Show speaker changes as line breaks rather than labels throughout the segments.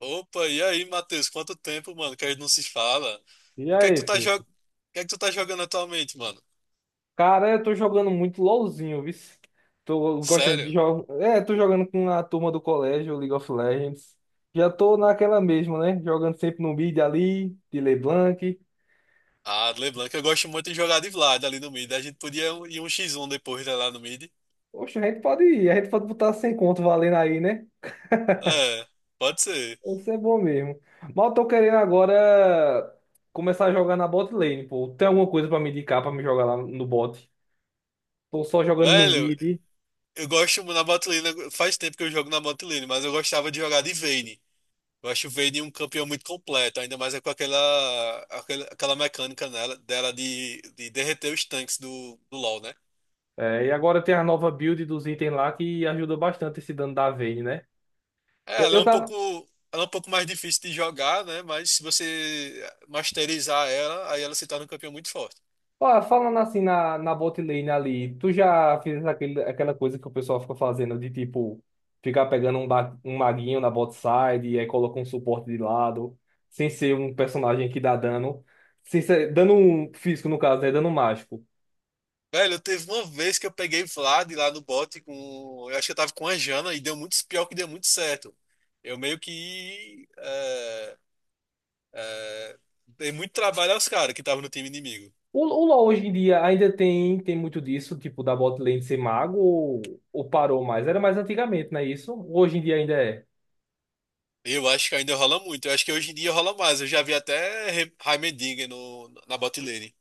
Opa, e aí, Matheus? Quanto tempo, mano, que a gente não se fala?
E
E O que é que
aí,
tu tá, jo... o
Felipe?
que é que tu tá jogando atualmente, mano?
Cara, eu tô jogando muito LOLzinho, viu? Tô gostando de
Sério?
jogar. É, tô jogando com a turma do colégio, League of Legends. Já tô naquela mesma, né? Jogando sempre no mid ali, de LeBlanc.
Ah, LeBlanc, eu gosto muito de jogar de Vlad ali no mid. A gente podia ir um x1 depois, né, lá no mid.
Oxe, a gente pode ir, a gente pode botar sem conto valendo aí, né?
É, pode ser.
Isso é bom mesmo. Mas eu tô querendo agora começar a jogar na bot lane, pô. Tem alguma coisa pra me indicar pra me jogar lá no bot? Tô só jogando no
Velho,
mid.
eu gosto na bot lane, faz tempo que eu jogo na bot lane, mas eu gostava de jogar de Vayne. Eu acho o Vayne um campeão muito completo, ainda mais é com aquela mecânica nela, dela de derreter os tanques do LoL, né?
É, e agora tem a nova build dos itens lá que ajuda bastante esse dano da Vayne, né?
É,
Eu, eu tava
ela é um pouco mais difícil de jogar, né? Mas se você masterizar ela, aí ela se torna um campeão muito forte.
ó, falando assim na bot lane ali, tu já fez aquele, aquela coisa que o pessoal fica fazendo de tipo ficar pegando um maguinho na bot side e aí coloca um suporte de lado, sem ser um personagem que dá dano, sem ser, dano físico no caso, né? Dano mágico.
Velho, eu teve uma vez que eu peguei Vlad lá no bot com. Eu acho que eu tava com a Jana e deu muito pior que deu muito certo. Eu meio que. É, é, dei muito trabalho aos caras que estavam no time inimigo.
O LoL hoje em dia ainda tem muito disso, tipo da bot lane ser mago ou parou mais? Era mais antigamente, não é isso? Hoje em dia ainda é.
Eu acho que ainda rola muito. Eu acho que hoje em dia rola mais. Eu já vi até Heimerdinger no, na bot lane.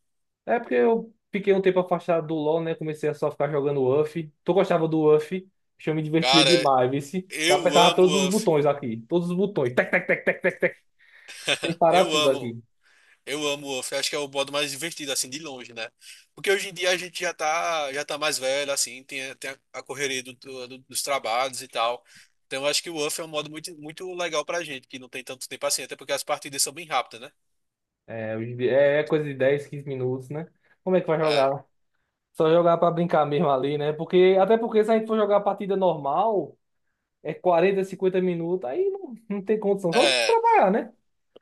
É porque eu fiquei um tempo afastado do LoL, né? Comecei a só ficar jogando UF. Tu gostava do UF? Acho que eu me divertia
Cara,
demais, vice. Eu
eu
apertava
amo
todos
o
os
Uff.
botões aqui. Todos os botões. Tec, tec, tec, tec, tec, tec. Sem parar
Eu
tudo
amo.
aqui.
Eu amo o Wolf, acho que é o modo mais divertido, assim, de longe, né? Porque hoje em dia a gente já tá mais velho, assim, tem a correria dos trabalhos e tal. Então eu acho que o Wolf é um modo muito, muito legal pra gente, que não tem tanto tempo assim, até porque as partidas são bem rápidas, né?
É, é coisa de 10, 15 minutos, né? Como é que vai
É,
jogar? Só jogar pra brincar mesmo ali, né? Até porque se a gente for jogar a partida normal, é 40, 50 minutos. Aí não, não tem condição. Só se
é.
trabalhar, né?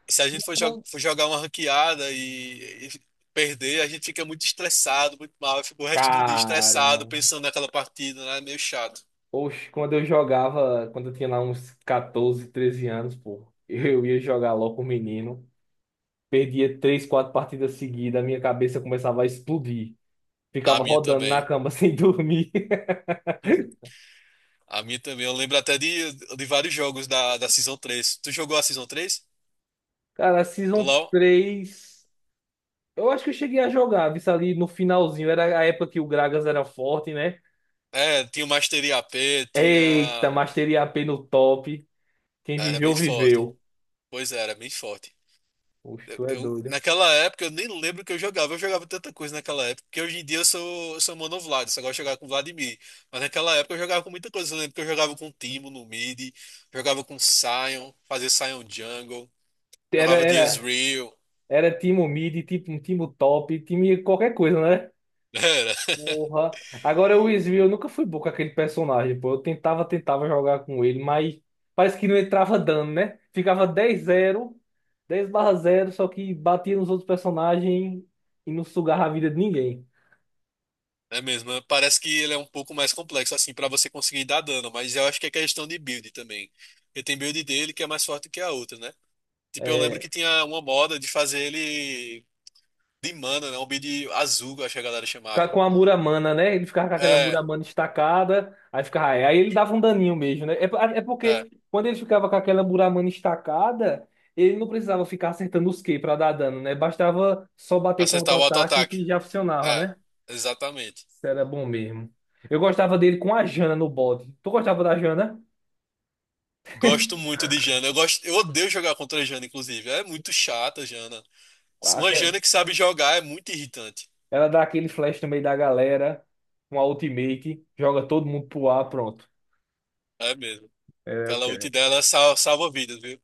Se a gente for, for jogar uma ranqueada e perder, a gente fica muito estressado, muito mal, fica o resto do dia estressado,
Caramba.
pensando naquela partida, né? É meio chato.
Oxe, quando eu tinha lá uns 14 13 anos, pô, eu ia jogar LOL com o menino, perdia três, quatro partidas seguidas, a minha cabeça começava a explodir.
A
Ficava
minha
rodando na
também.
cama sem dormir.
A minha também. Eu lembro até de vários jogos da Season três. Tu jogou a Season 3
Cara, a
do
Season
LoL?
3 eu acho que eu cheguei a jogar, visto ali no finalzinho, era a época que o Gragas era forte, né?
É, tinha o Mastery AP,
Eita,
tinha.
Mastery AP no top, quem
Era bem
viveu,
forte.
viveu.
Pois é, era bem forte.
Oxe,
Eu,
tu é
eu-
doido.
naquela época eu nem lembro o que eu jogava. Eu jogava tanta coisa naquela época. Porque hoje em dia eu sou mono Vlad, só gosto de jogar com Vladimir. Mas naquela época eu jogava com muita coisa. Eu lembro que eu jogava com Timo no mid, jogava com Sion, fazia Sion Jungle,
Era,
jogava de
era,
Ezreal.
era time mid, tipo, um time top, time qualquer coisa, né?
era
Porra. Agora o Will eu nunca fui bom com aquele personagem, pô. Eu tentava jogar com ele, mas parece que não entrava dano, né? Ficava 10-0 10/0 só que batia nos outros personagens e não sugava a vida de ninguém.
É mesmo, é, parece que ele é um pouco mais complexo, assim, pra você conseguir dar dano, mas eu acho que é questão de build também. Porque tem build dele que é mais forte que a outra, né? Tipo, eu lembro
É,
que tinha uma moda de fazer ele de mana, né? Um build azul, eu acho que a galera chamava.
com a Muramana, né? Ele ficava com aquela
É,
Muramana estacada, aí ele dava um daninho mesmo, né? É, é
é.
porque quando ele ficava com aquela Muramana estacada, ele não precisava ficar acertando os Ki pra dar dano, né? Bastava só bater com
Acertar o
auto-ataque
auto-ataque.
que já funcionava,
É,
né?
exatamente.
Isso era bom mesmo. Eu gostava dele com a Jana no bode. Tu gostava da Jana?
Gosto muito de Jana. Eu gosto, eu odeio jogar contra a Jana, inclusive. É muito chata, a Jana. Uma
Aquela-
Jana que sabe jogar é muito irritante.
Ela dá aquele flash no meio da galera, com a ultimate, joga todo mundo pro ar, pronto.
É mesmo.
É, eu
Aquela ult
quero.
dela salva vidas, viu?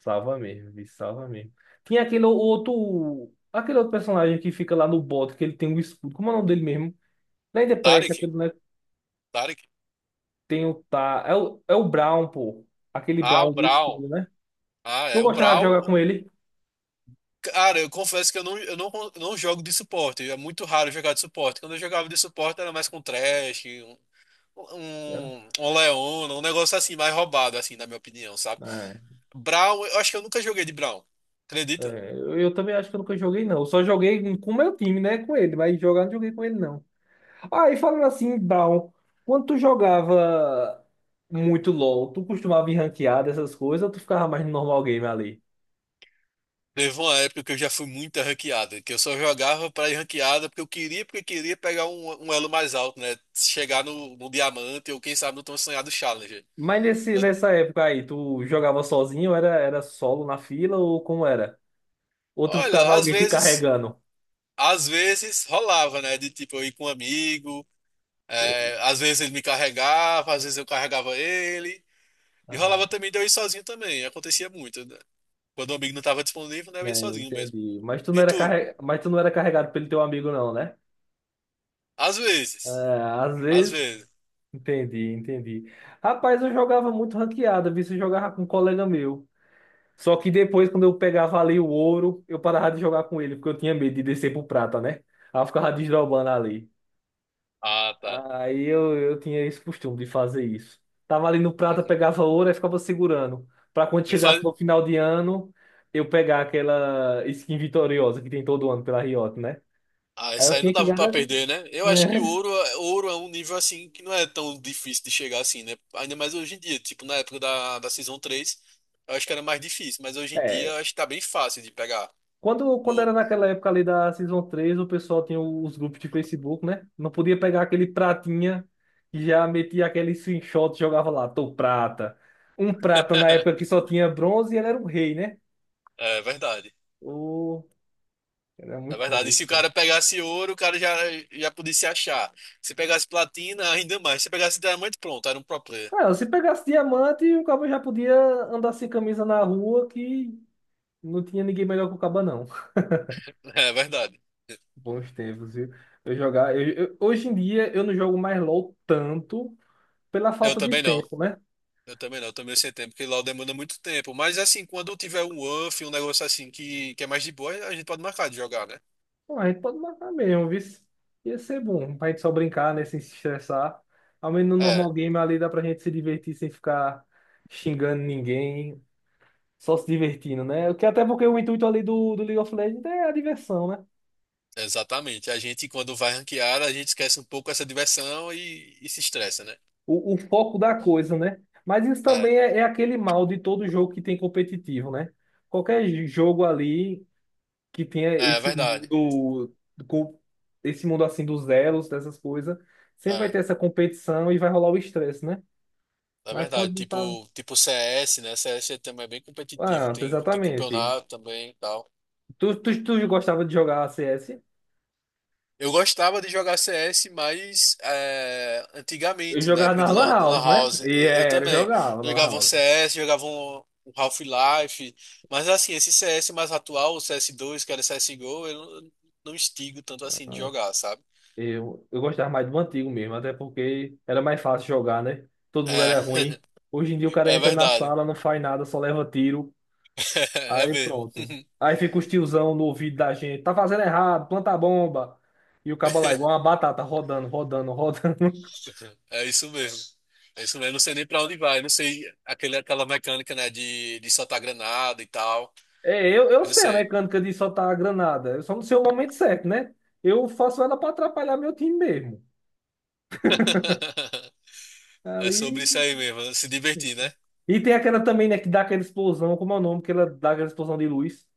Salva mesmo, bicho, salva mesmo. Tinha aquele outro. Aquele outro personagem que fica lá no bot, que ele tem um escudo. Como é o nome dele mesmo? Lá em The
O
Prest,
Taric.
aquele, né?
Tarek.
Tem o Tá. É o Brown, pô. Aquele
Ah, o
Brown do
Brawl.
escudo, né?
Ah,
Tu
é. O
gostava de jogar
Brawl.
com ele?
Cara, eu confesso que eu não jogo de suporte. É muito raro jogar de suporte. Quando eu jogava de suporte era mais com Thresh, um Leona, um negócio assim, mais roubado, assim, na minha opinião, sabe?
Era.
Brawl, eu acho que eu nunca joguei de Brawl. Acredita?
É, eu também acho que eu nunca joguei, não. Eu só joguei com o meu time, né? Com ele, mas jogar eu não joguei com ele, não. Ah, e falando assim, Down, quando tu jogava muito LOL, tu costumava ir ranqueado, essas coisas, ou tu ficava mais no normal game ali?
Teve uma época que eu já fui muito ranqueada, que eu só jogava pra ir ranqueada porque eu queria, porque queria pegar um elo mais alto, né? Chegar no diamante ou quem sabe no tão sonhado Challenger.
Mas
Eu-
nessa época aí, tu jogava sozinho, era solo na fila, ou como era? Ou tu ficava
Olha, às
alguém te
vezes.
carregando?
Às vezes rolava, né? De tipo, eu ir com um amigo, é, às vezes ele me carregava, às vezes eu carregava ele. E
Ah,
rolava também de eu ir sozinho também, acontecia muito, né? Quando o amigo não estava disponível, né, eu ia
né,
sozinho mesmo.
entendi.
E tu?
Mas tu não era carregado pelo teu amigo, não, né?
Às
É,
vezes.
às
Às
vezes.
vezes.
Entendi, entendi. Rapaz, eu jogava muito ranqueada, vi se jogava com um colega meu. Só que depois, quando eu pegava ali o ouro, eu parava de jogar com ele, porque eu tinha medo de descer pro prata, né? Aí eu ficava desdobando ali.
Ah, tá.
Aí eu tinha esse costume de fazer isso. Tava ali no prata, pegava ouro e ficava segurando. Pra quando
Eu
chegasse
faz...
no final de ano, eu pegar aquela skin vitoriosa que tem todo ano pela Riot, né?
Ah,
Aí
isso
eu
aí não
tinha que
dava pra
garantir.
perder, né? Eu acho que ouro, ouro é um nível assim que não é tão difícil de chegar assim, né? Ainda mais hoje em dia, tipo na época da Season três. Eu acho que era mais difícil, mas hoje em dia eu acho que tá bem fácil de pegar
Quando,
o
quando era
ouro.
naquela época ali da Season 3 o pessoal tinha os grupos de Facebook, né? Não podia pegar aquele pratinha que já metia aquele screenshot e jogava lá, tô prata. Um prata na época que só tinha bronze e ele era um rei, né?
É verdade.
O... Era
É
muito bom
verdade. E se o
isso.
cara pegasse ouro, o cara já podia se achar. Se pegasse platina, ainda mais. Se pegasse diamante, pronto, era um pro player.
Cara. Ah, se pegasse diamante, o cabo já podia andar sem camisa na rua que não tinha ninguém melhor que o cabo, não.
É verdade.
Bons tempos, viu? Eu jogar, eu- hoje em dia eu não jogo mais LOL tanto pela
Eu
falta de
também não.
tempo, né?
Eu também não. Eu também sem tempo, porque lá demanda muito tempo. Mas assim, quando tiver um UF, um negócio assim que é mais de boa, a gente pode marcar de jogar, né?
Bom, a gente pode marcar mesmo, viu? Ia ser bom pra gente só brincar, né? Sem se estressar. Ao menos no
É,
normal game ali dá pra gente se divertir sem ficar xingando ninguém, só se divertindo, né? O que até porque o intuito ali do League of Legends é a diversão, né?
exatamente. A gente, quando vai ranquear, a gente esquece um pouco essa diversão e se estressa, né?
O foco da coisa, né? Mas isso
É,
também é aquele mal de todo jogo que tem competitivo, né? Qualquer jogo ali que tenha
é
esse
verdade.
mundo, com- esse mundo assim dos elos, dessas coisas, sempre vai
É.
ter essa competição e vai rolar o estresse, né?
Na
Mas
verdade,
quando tava.
tipo CS, né? CS é também bem competitivo,
Ah,
tem
exatamente.
campeonato também e tal.
Tu gostava de jogar CS?
Eu gostava de jogar CS, mas
Eu
antigamente, na
jogava
época
na
de
Lan
Lan, da Lan
House, né?
House.
E
Eu
era, eu
também.
jogava na Lan
Jogava um
House.
CS, jogava um Half-Life. Mas assim, esse CS mais atual, o CS2, que era CSGO, eu não instigo tanto assim de jogar, sabe?
Eu gostava mais do antigo mesmo, até porque era mais fácil jogar, né? Todo mundo
É,
era ruim. Hoje em dia o cara
é
entra na
verdade.
sala, não faz nada, só leva tiro.
É
Aí
mesmo.
pronto. Aí fica os tiozão no ouvido da gente. Tá fazendo errado, planta a bomba. E o cabo lá, é igual uma batata, rodando, rodando, rodando.
É isso mesmo. É isso mesmo, eu não sei nem pra onde vai, eu não sei aquele, aquela mecânica, né, de soltar granada e tal.
É, eu
Eu não
sei a
sei.
mecânica de soltar a granada. Eu só não sei o momento certo, né? Eu faço ela para atrapalhar meu time mesmo.
É sobre
Ali.
isso aí mesmo, se divertir, né?
E tem aquela também, né, que dá aquela explosão, como é o nome, que ela dá aquela explosão de luz.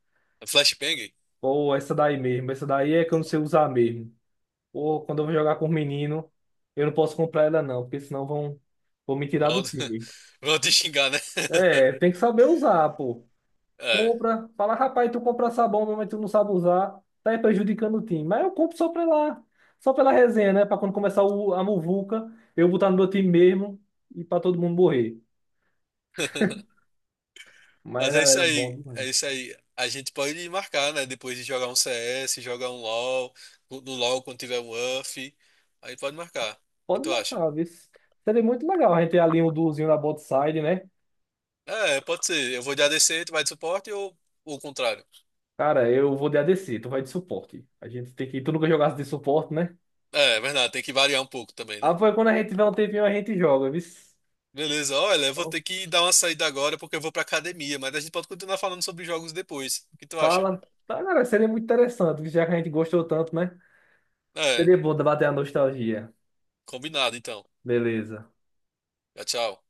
Flashbang?
Ou essa daí mesmo. Essa daí é que eu não sei usar mesmo. Ou quando eu vou jogar com o menino, eu não posso comprar ela não, porque senão vão me tirar do
Vão,
time.
vão te xingar, né?
É, tem que saber usar, pô.
É,
Compra, fala, rapaz, tu compra sabão, mesmo, mas tu não sabe usar, tá aí prejudicando o time. Mas eu compro só pela resenha, né? Pra quando começar a muvuca, eu botar no meu time mesmo e pra todo mundo morrer. Mas
mas é
era,
isso
era bom
aí, é
demais.
isso aí. A gente pode marcar, né? Depois de jogar um CS, jogar um LoL, no LoL quando tiver um UF, aí pode marcar. O que
Pode
tu acha?
marcar, viu? Seria muito legal a gente ter ali um duozinho na bot side, né?
É, pode ser. Eu vou de ADC, tu vai de suporte ou o contrário?
Cara, eu vou de ADC, tu vai de suporte. A gente tem que. Tu nunca jogasse de suporte, né?
É, é verdade, tem que variar um pouco também, né?
Ah, foi quando a gente tiver um tempinho, a gente joga, viu?
Beleza, olha, eu vou
Então,
ter que dar uma saída agora porque eu vou pra academia, mas a gente pode continuar falando sobre jogos depois. O que tu acha?
fala. Tá, cara, seria muito interessante, já que a gente gostou tanto, né?
É,
Seria bom bater a nostalgia.
combinado então.
Beleza.
Tchau, tchau.